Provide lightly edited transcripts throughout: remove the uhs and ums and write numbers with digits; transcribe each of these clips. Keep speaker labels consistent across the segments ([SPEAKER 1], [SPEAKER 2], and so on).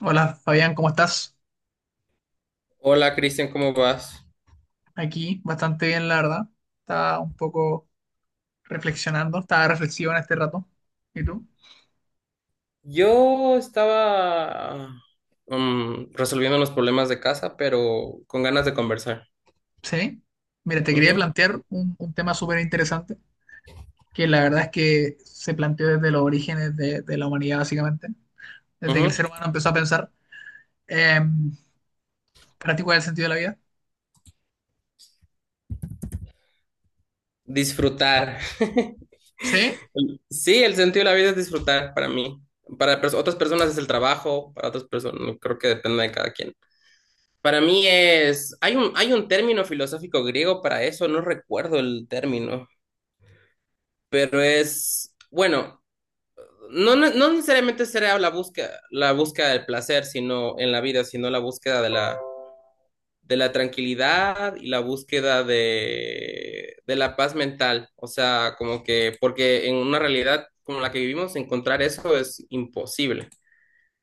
[SPEAKER 1] Hola Fabián, ¿cómo estás?
[SPEAKER 2] Hola Cristian, ¿cómo vas?
[SPEAKER 1] Aquí bastante bien, la verdad. Estaba un poco reflexionando, estaba reflexivo en este rato. ¿Y tú?
[SPEAKER 2] Yo estaba resolviendo unos problemas de casa, pero con ganas de conversar.
[SPEAKER 1] Sí. Mira, te quería
[SPEAKER 2] Ujú,
[SPEAKER 1] plantear un tema súper interesante, que la verdad es que se planteó desde los orígenes de la humanidad, básicamente, desde que el
[SPEAKER 2] ujú.
[SPEAKER 1] ser humano empezó a pensar. Eh, ¿Para ti cuál es el sentido de la vida?
[SPEAKER 2] Disfrutar.
[SPEAKER 1] Sí.
[SPEAKER 2] Sí, el sentido de la vida es disfrutar para mí. Para otras personas es el trabajo, para otras personas creo que depende de cada quien. Para mí es, hay un término filosófico griego para eso, no recuerdo el término, pero es, bueno. No, no, no necesariamente será la búsqueda del placer, sino en la vida, sino la búsqueda de la tranquilidad y la búsqueda de la paz mental. O sea, como que, porque en una realidad como la que vivimos, encontrar eso es imposible.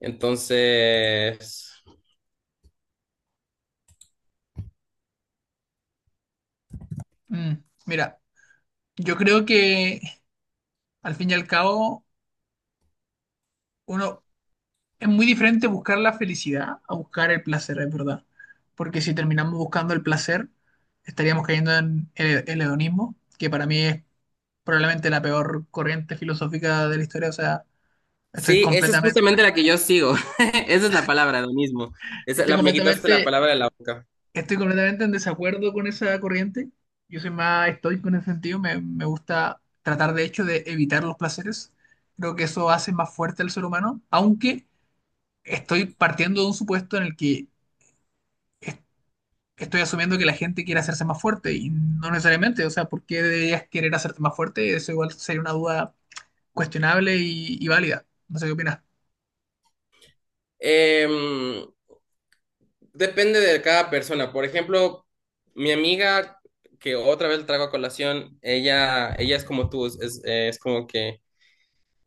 [SPEAKER 2] Entonces,
[SPEAKER 1] Mm, mira, yo creo que al fin y al cabo, uno, es muy diferente buscar la felicidad a buscar el placer, es verdad. Porque si terminamos buscando el placer, estaríamos cayendo en el hedonismo, que para mí es probablemente la peor corriente filosófica de la historia. O sea, estoy
[SPEAKER 2] sí, esa es
[SPEAKER 1] completamente,
[SPEAKER 2] justamente la que yo sigo. Esa es la palabra, lo mismo. Esa,
[SPEAKER 1] estoy
[SPEAKER 2] la, me quitaste la
[SPEAKER 1] completamente,
[SPEAKER 2] palabra de la boca.
[SPEAKER 1] estoy completamente en desacuerdo con esa corriente. Yo soy más estoico en ese sentido. Me gusta tratar, de hecho, de evitar los placeres. Creo que eso hace más fuerte al ser humano, aunque estoy partiendo de un supuesto en el que estoy asumiendo que la gente quiere hacerse más fuerte y no necesariamente, o sea, ¿por qué deberías querer hacerte más fuerte? Eso igual sería una duda cuestionable y válida. No sé qué opinas.
[SPEAKER 2] Em, Depende de cada persona. Por ejemplo, mi amiga, que otra vez traigo a colación, ella es como tú, es como que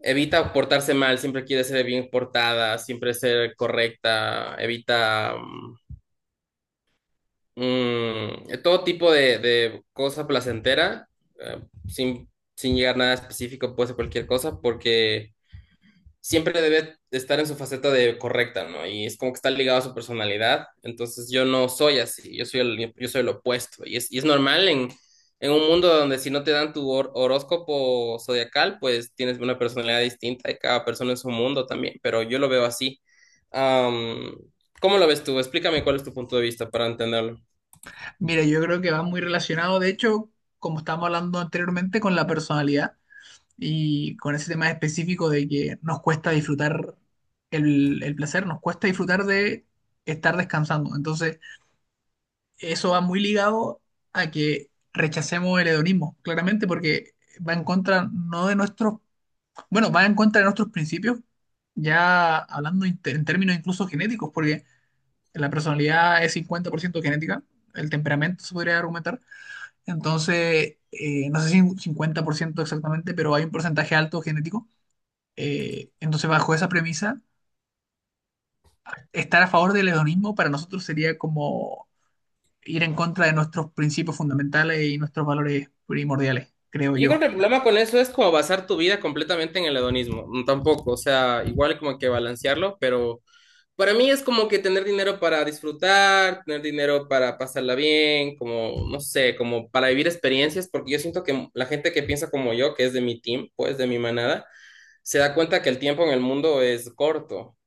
[SPEAKER 2] evita portarse mal, siempre quiere ser bien portada, siempre ser correcta, evita todo tipo de cosa placentera, eh, sin, sin llegar a nada específico, puede ser cualquier cosa, porque siempre debe estar en su faceta de correcta, ¿no? Y es como que está ligado a su personalidad. Entonces yo no soy así, yo soy el opuesto. Y es normal en un mundo donde si no te dan tu horóscopo zodiacal, pues tienes una personalidad distinta y cada persona en su mundo también, pero yo lo veo así. Am, ¿Cómo lo ves tú? Explícame cuál es tu punto de vista para entenderlo.
[SPEAKER 1] Mira, yo creo que va muy relacionado, de hecho, como estábamos hablando anteriormente, con la personalidad y con ese tema específico de que nos cuesta disfrutar el placer, nos cuesta disfrutar de estar descansando. Entonces, eso va muy ligado a que rechacemos el hedonismo, claramente, porque va en contra no de nuestros. Bueno, va en contra de nuestros principios, ya hablando en términos incluso genéticos, porque la personalidad es 50% genética, el temperamento se podría argumentar, entonces, no sé si un 50% exactamente, pero hay un porcentaje alto genético, entonces bajo esa premisa, estar a favor del hedonismo para nosotros sería como ir en contra de nuestros principios fundamentales y nuestros valores primordiales, creo
[SPEAKER 2] Yo creo
[SPEAKER 1] yo.
[SPEAKER 2] que el problema con eso es como basar tu vida completamente en el hedonismo, tampoco, o sea, igual como que balancearlo, pero para mí es como que tener dinero para disfrutar, tener dinero para pasarla bien, como, no sé, como para vivir experiencias, porque yo siento que la gente que piensa como yo, que es de mi team, pues de mi manada, se da cuenta que el tiempo en el mundo es corto.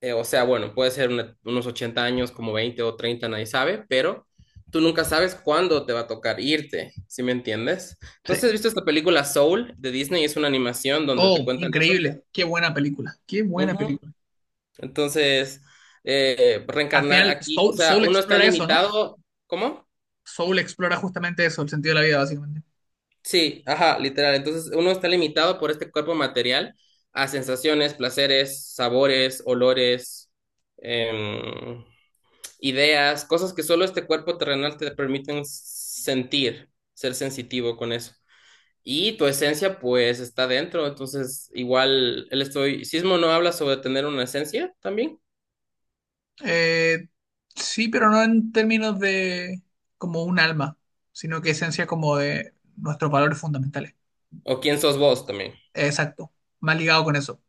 [SPEAKER 2] O sea, bueno, puede ser unos 80 años, como 20 o 30, nadie sabe, pero tú nunca sabes cuándo te va a tocar irte, ¿sí me entiendes? Entonces, ¿has
[SPEAKER 1] Sí.
[SPEAKER 2] visto esta película Soul de Disney? Es una animación donde te
[SPEAKER 1] Oh,
[SPEAKER 2] cuentan
[SPEAKER 1] increíble, qué buena película, qué buena
[SPEAKER 2] eso.
[SPEAKER 1] película.
[SPEAKER 2] Entonces,
[SPEAKER 1] Al
[SPEAKER 2] reencarnar
[SPEAKER 1] final
[SPEAKER 2] aquí, o
[SPEAKER 1] Soul,
[SPEAKER 2] sea,
[SPEAKER 1] Soul
[SPEAKER 2] uno está
[SPEAKER 1] explora eso, ¿no?
[SPEAKER 2] limitado. ¿Cómo?
[SPEAKER 1] Soul explora justamente eso, el sentido de la vida, básicamente.
[SPEAKER 2] Sí, ajá, literal. Entonces, uno está limitado por este cuerpo material a sensaciones, placeres, sabores, olores, em, ideas, cosas que solo este cuerpo terrenal te permiten sentir, ser sensitivo con eso. Y tu esencia, pues, está dentro. Entonces, igual el estoicismo no habla sobre tener una esencia también.
[SPEAKER 1] Eh, sí, pero no en términos de como un alma, sino que esencia como de nuestros valores fundamentales.
[SPEAKER 2] ¿O quién sos vos también?
[SPEAKER 1] Exacto, más ligado con eso.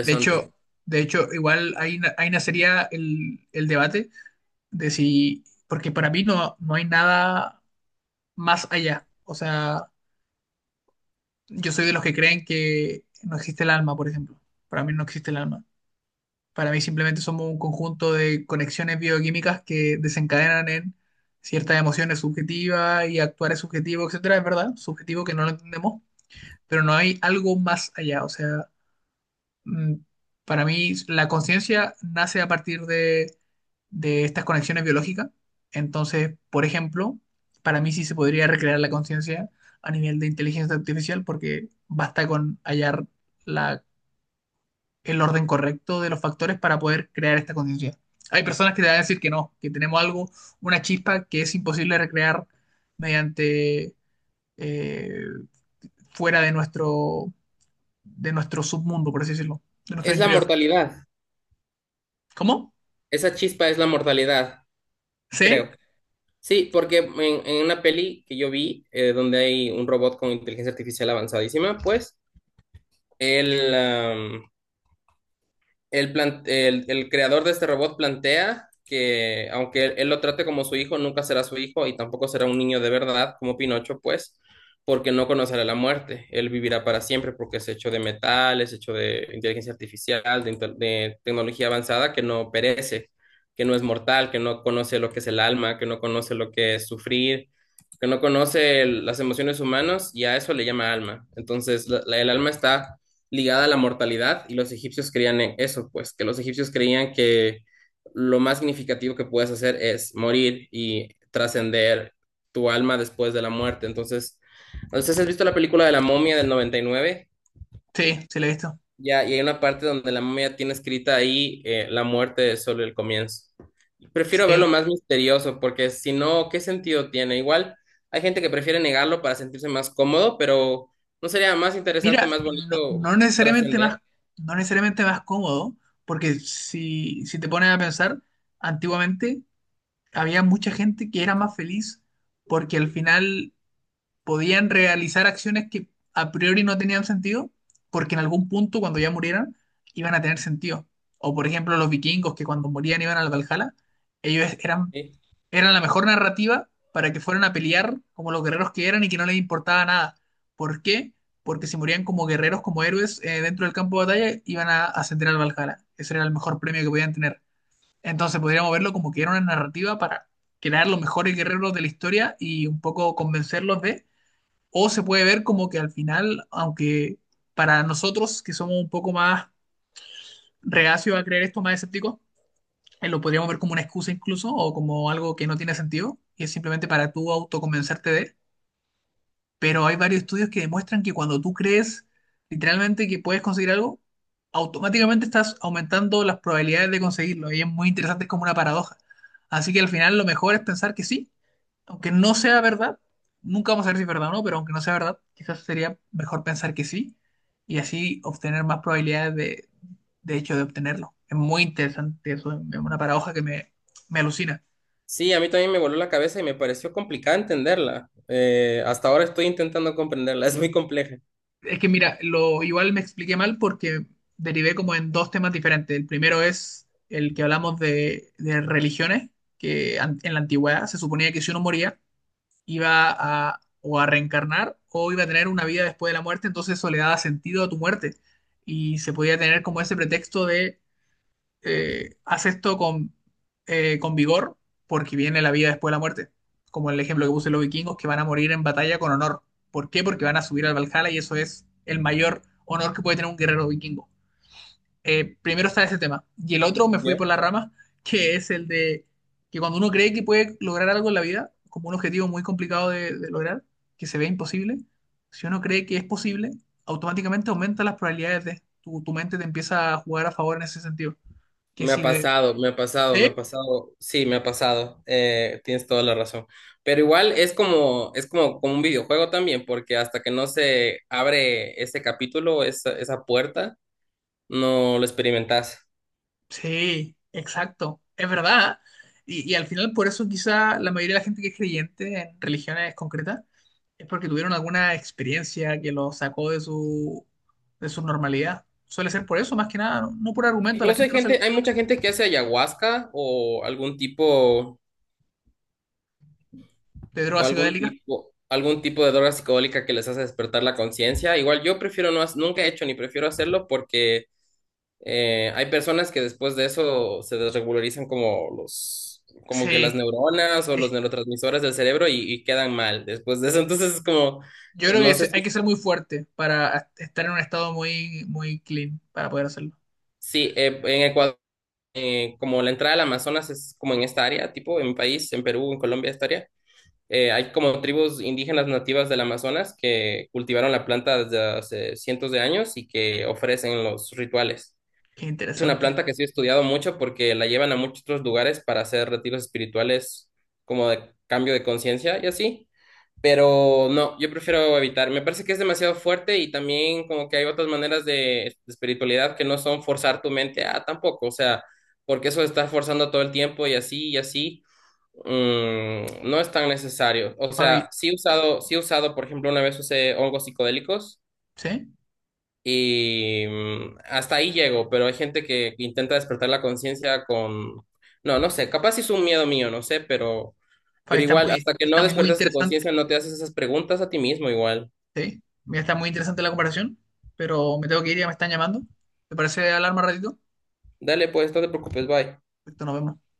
[SPEAKER 1] De hecho, igual ahí, ahí nacería el debate de si, porque para mí no hay nada más allá. O sea, yo soy de los que creen que no existe el alma, por ejemplo. Para mí no existe el alma. Para mí simplemente somos un conjunto de conexiones bioquímicas que desencadenan en ciertas emociones subjetivas y actuar es subjetivo, etcétera. Es verdad, subjetivo que no lo entendemos, pero no hay algo más allá. O sea, mm, para mí la conciencia nace a partir de estas conexiones biológicas. Entonces, por ejemplo, para mí sí se podría recrear la conciencia a nivel de inteligencia artificial porque basta con hallar la el orden correcto de los factores para poder crear esta conciencia. Hay personas que te van a decir que no, que tenemos algo, una chispa que es imposible recrear mediante eh, fuera de nuestro submundo, por así decirlo, de nuestro
[SPEAKER 2] Es la
[SPEAKER 1] interior.
[SPEAKER 2] mortalidad.
[SPEAKER 1] ¿Cómo?
[SPEAKER 2] Esa chispa es la mortalidad,
[SPEAKER 1] ¿Sí?
[SPEAKER 2] creo. Sí, porque en una peli que yo vi, donde hay un robot con inteligencia artificial avanzadísima, pues, él, am, el, plan- el creador de este robot plantea que aunque él lo trate como su hijo, nunca será su hijo y tampoco será un niño de verdad como Pinocho, pues, porque no conocerá la muerte. Él vivirá para siempre porque es hecho de metal, es hecho de inteligencia artificial, de, de tecnología avanzada que no perece, que no es mortal, que no conoce lo que es el alma, que no conoce lo que es sufrir, que no conoce las emociones humanas y a eso le llama alma. Entonces, el alma está ligada a la mortalidad y los egipcios creían en eso, pues que los egipcios creían que lo más significativo que puedes hacer es morir y trascender tu alma después de la muerte. Entonces, has visto la película de la momia del 99
[SPEAKER 1] Sí, se le he visto.
[SPEAKER 2] ya, y hay una parte donde la momia tiene escrita ahí la muerte es solo el comienzo. Prefiero
[SPEAKER 1] Sí.
[SPEAKER 2] verlo más misterioso porque si no, ¿qué sentido tiene? Igual hay gente que prefiere negarlo para sentirse más cómodo, pero ¿no sería más interesante,
[SPEAKER 1] Mira,
[SPEAKER 2] más bonito trascender?
[SPEAKER 1] no necesariamente más cómodo, porque si te pones a pensar, antiguamente había mucha gente que era más feliz porque al final podían realizar acciones que a priori no tenían sentido, porque en algún punto, cuando ya murieran, iban a tener sentido. O por ejemplo, los vikingos que cuando morían iban al Valhalla, ellos eran,
[SPEAKER 2] ¿Sí?
[SPEAKER 1] eran la mejor narrativa para que fueran a pelear como los guerreros que eran y que no les importaba nada. ¿Por qué? Porque si morían como guerreros, como héroes dentro del campo de batalla, iban a ascender al Valhalla. Ese era el mejor premio que podían tener. Entonces podríamos verlo como que era una narrativa para crear los mejores guerreros de la historia y un poco convencerlos de o se puede ver como que al final, aunque para nosotros que somos un poco más reacios a creer esto, más escépticos, lo podríamos ver como una excusa incluso o como algo que no tiene sentido y es simplemente para tú autoconvencerte de. Pero hay varios estudios que demuestran que cuando tú crees literalmente que puedes conseguir algo, automáticamente estás aumentando las probabilidades de conseguirlo y es muy interesante, es como una paradoja. Así que al final lo mejor es pensar que sí, aunque no sea verdad, nunca vamos a ver si es verdad o no, pero aunque no sea verdad, quizás sería mejor pensar que sí y así obtener más probabilidades de hecho de obtenerlo. Es muy interesante eso, es una paradoja que me alucina.
[SPEAKER 2] Sí, a mí también me voló la cabeza y me pareció complicada entenderla. Hasta ahora estoy intentando comprenderla, es muy compleja.
[SPEAKER 1] Es que mira, lo igual me expliqué mal porque derivé como en dos temas diferentes. El primero es el que hablamos de religiones, que en la antigüedad se suponía que si uno moría, iba a o a reencarnar o iba a tener una vida después de la muerte, entonces eso le daba sentido a tu muerte y se podía tener como ese pretexto de haz esto con vigor porque viene la vida después de la muerte, como el ejemplo que puse los vikingos que van a morir en batalla con honor. ¿Por qué? Porque van a subir al Valhalla y eso es el mayor honor que puede tener un guerrero vikingo primero está ese tema. Y el otro me fui por
[SPEAKER 2] ¿Ya?
[SPEAKER 1] la rama, que es el de que cuando uno cree que puede lograr algo en la vida, como un objetivo muy complicado de lograr, que se ve imposible, si uno cree que es posible, automáticamente aumenta las probabilidades de... Tu mente te empieza a jugar a favor en ese sentido. Que
[SPEAKER 2] Me ha
[SPEAKER 1] si de...
[SPEAKER 2] pasado, me ha pasado, me ha
[SPEAKER 1] ¿eh?
[SPEAKER 2] pasado, sí, me ha pasado, tienes toda la razón. Pero igual es como, como un videojuego también, porque hasta que no se abre ese capítulo, esa puerta, no lo experimentas.
[SPEAKER 1] Sí, exacto, es verdad. Y al final por eso quizá la mayoría de la gente que es creyente en religiones concretas es porque tuvieron alguna experiencia que los sacó de su normalidad. Suele ser por eso, más que nada, no. No por argumento, la
[SPEAKER 2] Incluso hay
[SPEAKER 1] gente no
[SPEAKER 2] gente,
[SPEAKER 1] se...
[SPEAKER 2] hay mucha gente que hace ayahuasca o algún tipo
[SPEAKER 1] de
[SPEAKER 2] o
[SPEAKER 1] drogas
[SPEAKER 2] algún
[SPEAKER 1] psicodélicas.
[SPEAKER 2] tipo, algún tipo de droga psicodélica que les hace despertar la conciencia. Igual yo prefiero no, nunca he hecho ni prefiero hacerlo porque hay personas que después de eso se desregularizan como los, como que las
[SPEAKER 1] Sí,
[SPEAKER 2] neuronas o
[SPEAKER 1] eh,
[SPEAKER 2] los neurotransmisores del cerebro y quedan mal después de eso. Entonces es como,
[SPEAKER 1] yo creo
[SPEAKER 2] no
[SPEAKER 1] que
[SPEAKER 2] sé si,
[SPEAKER 1] hay que ser muy fuerte para estar en un estado muy, muy clean para poder hacerlo.
[SPEAKER 2] sí, en Ecuador, como la entrada al Amazonas es como en esta área, tipo en mi país, en Perú, en Colombia, esta área. Hay como tribus indígenas nativas del Amazonas que cultivaron la planta desde hace cientos de años y que ofrecen los rituales.
[SPEAKER 1] Qué
[SPEAKER 2] Es una
[SPEAKER 1] interesante.
[SPEAKER 2] planta que sí he estudiado mucho porque la llevan a muchos otros lugares para hacer retiros espirituales como de cambio de conciencia y así. Pero no, yo prefiero evitar. Me parece que es demasiado fuerte y también como que hay otras maneras de espiritualidad que no son forzar tu mente a tampoco, o sea, porque eso de estar forzando todo el tiempo y así, no es tan necesario. O sea,
[SPEAKER 1] Fabi,
[SPEAKER 2] sí he usado, por ejemplo, una vez usé hongos psicodélicos
[SPEAKER 1] ¿sí?
[SPEAKER 2] y hasta ahí llego, pero hay gente que intenta despertar la conciencia con, no, no sé, capaz sí es un miedo mío, no sé, pero
[SPEAKER 1] Fabi,
[SPEAKER 2] pero igual, hasta que no
[SPEAKER 1] está muy
[SPEAKER 2] despertas tu
[SPEAKER 1] interesante.
[SPEAKER 2] conciencia, no te haces esas preguntas a ti mismo igual.
[SPEAKER 1] Sí, mira, está muy interesante la comparación, pero me tengo que ir, ya me están llamando. ¿Te parece hablar más ratito?
[SPEAKER 2] Dale, pues, no te preocupes, bye.
[SPEAKER 1] Perfecto, nos vemos.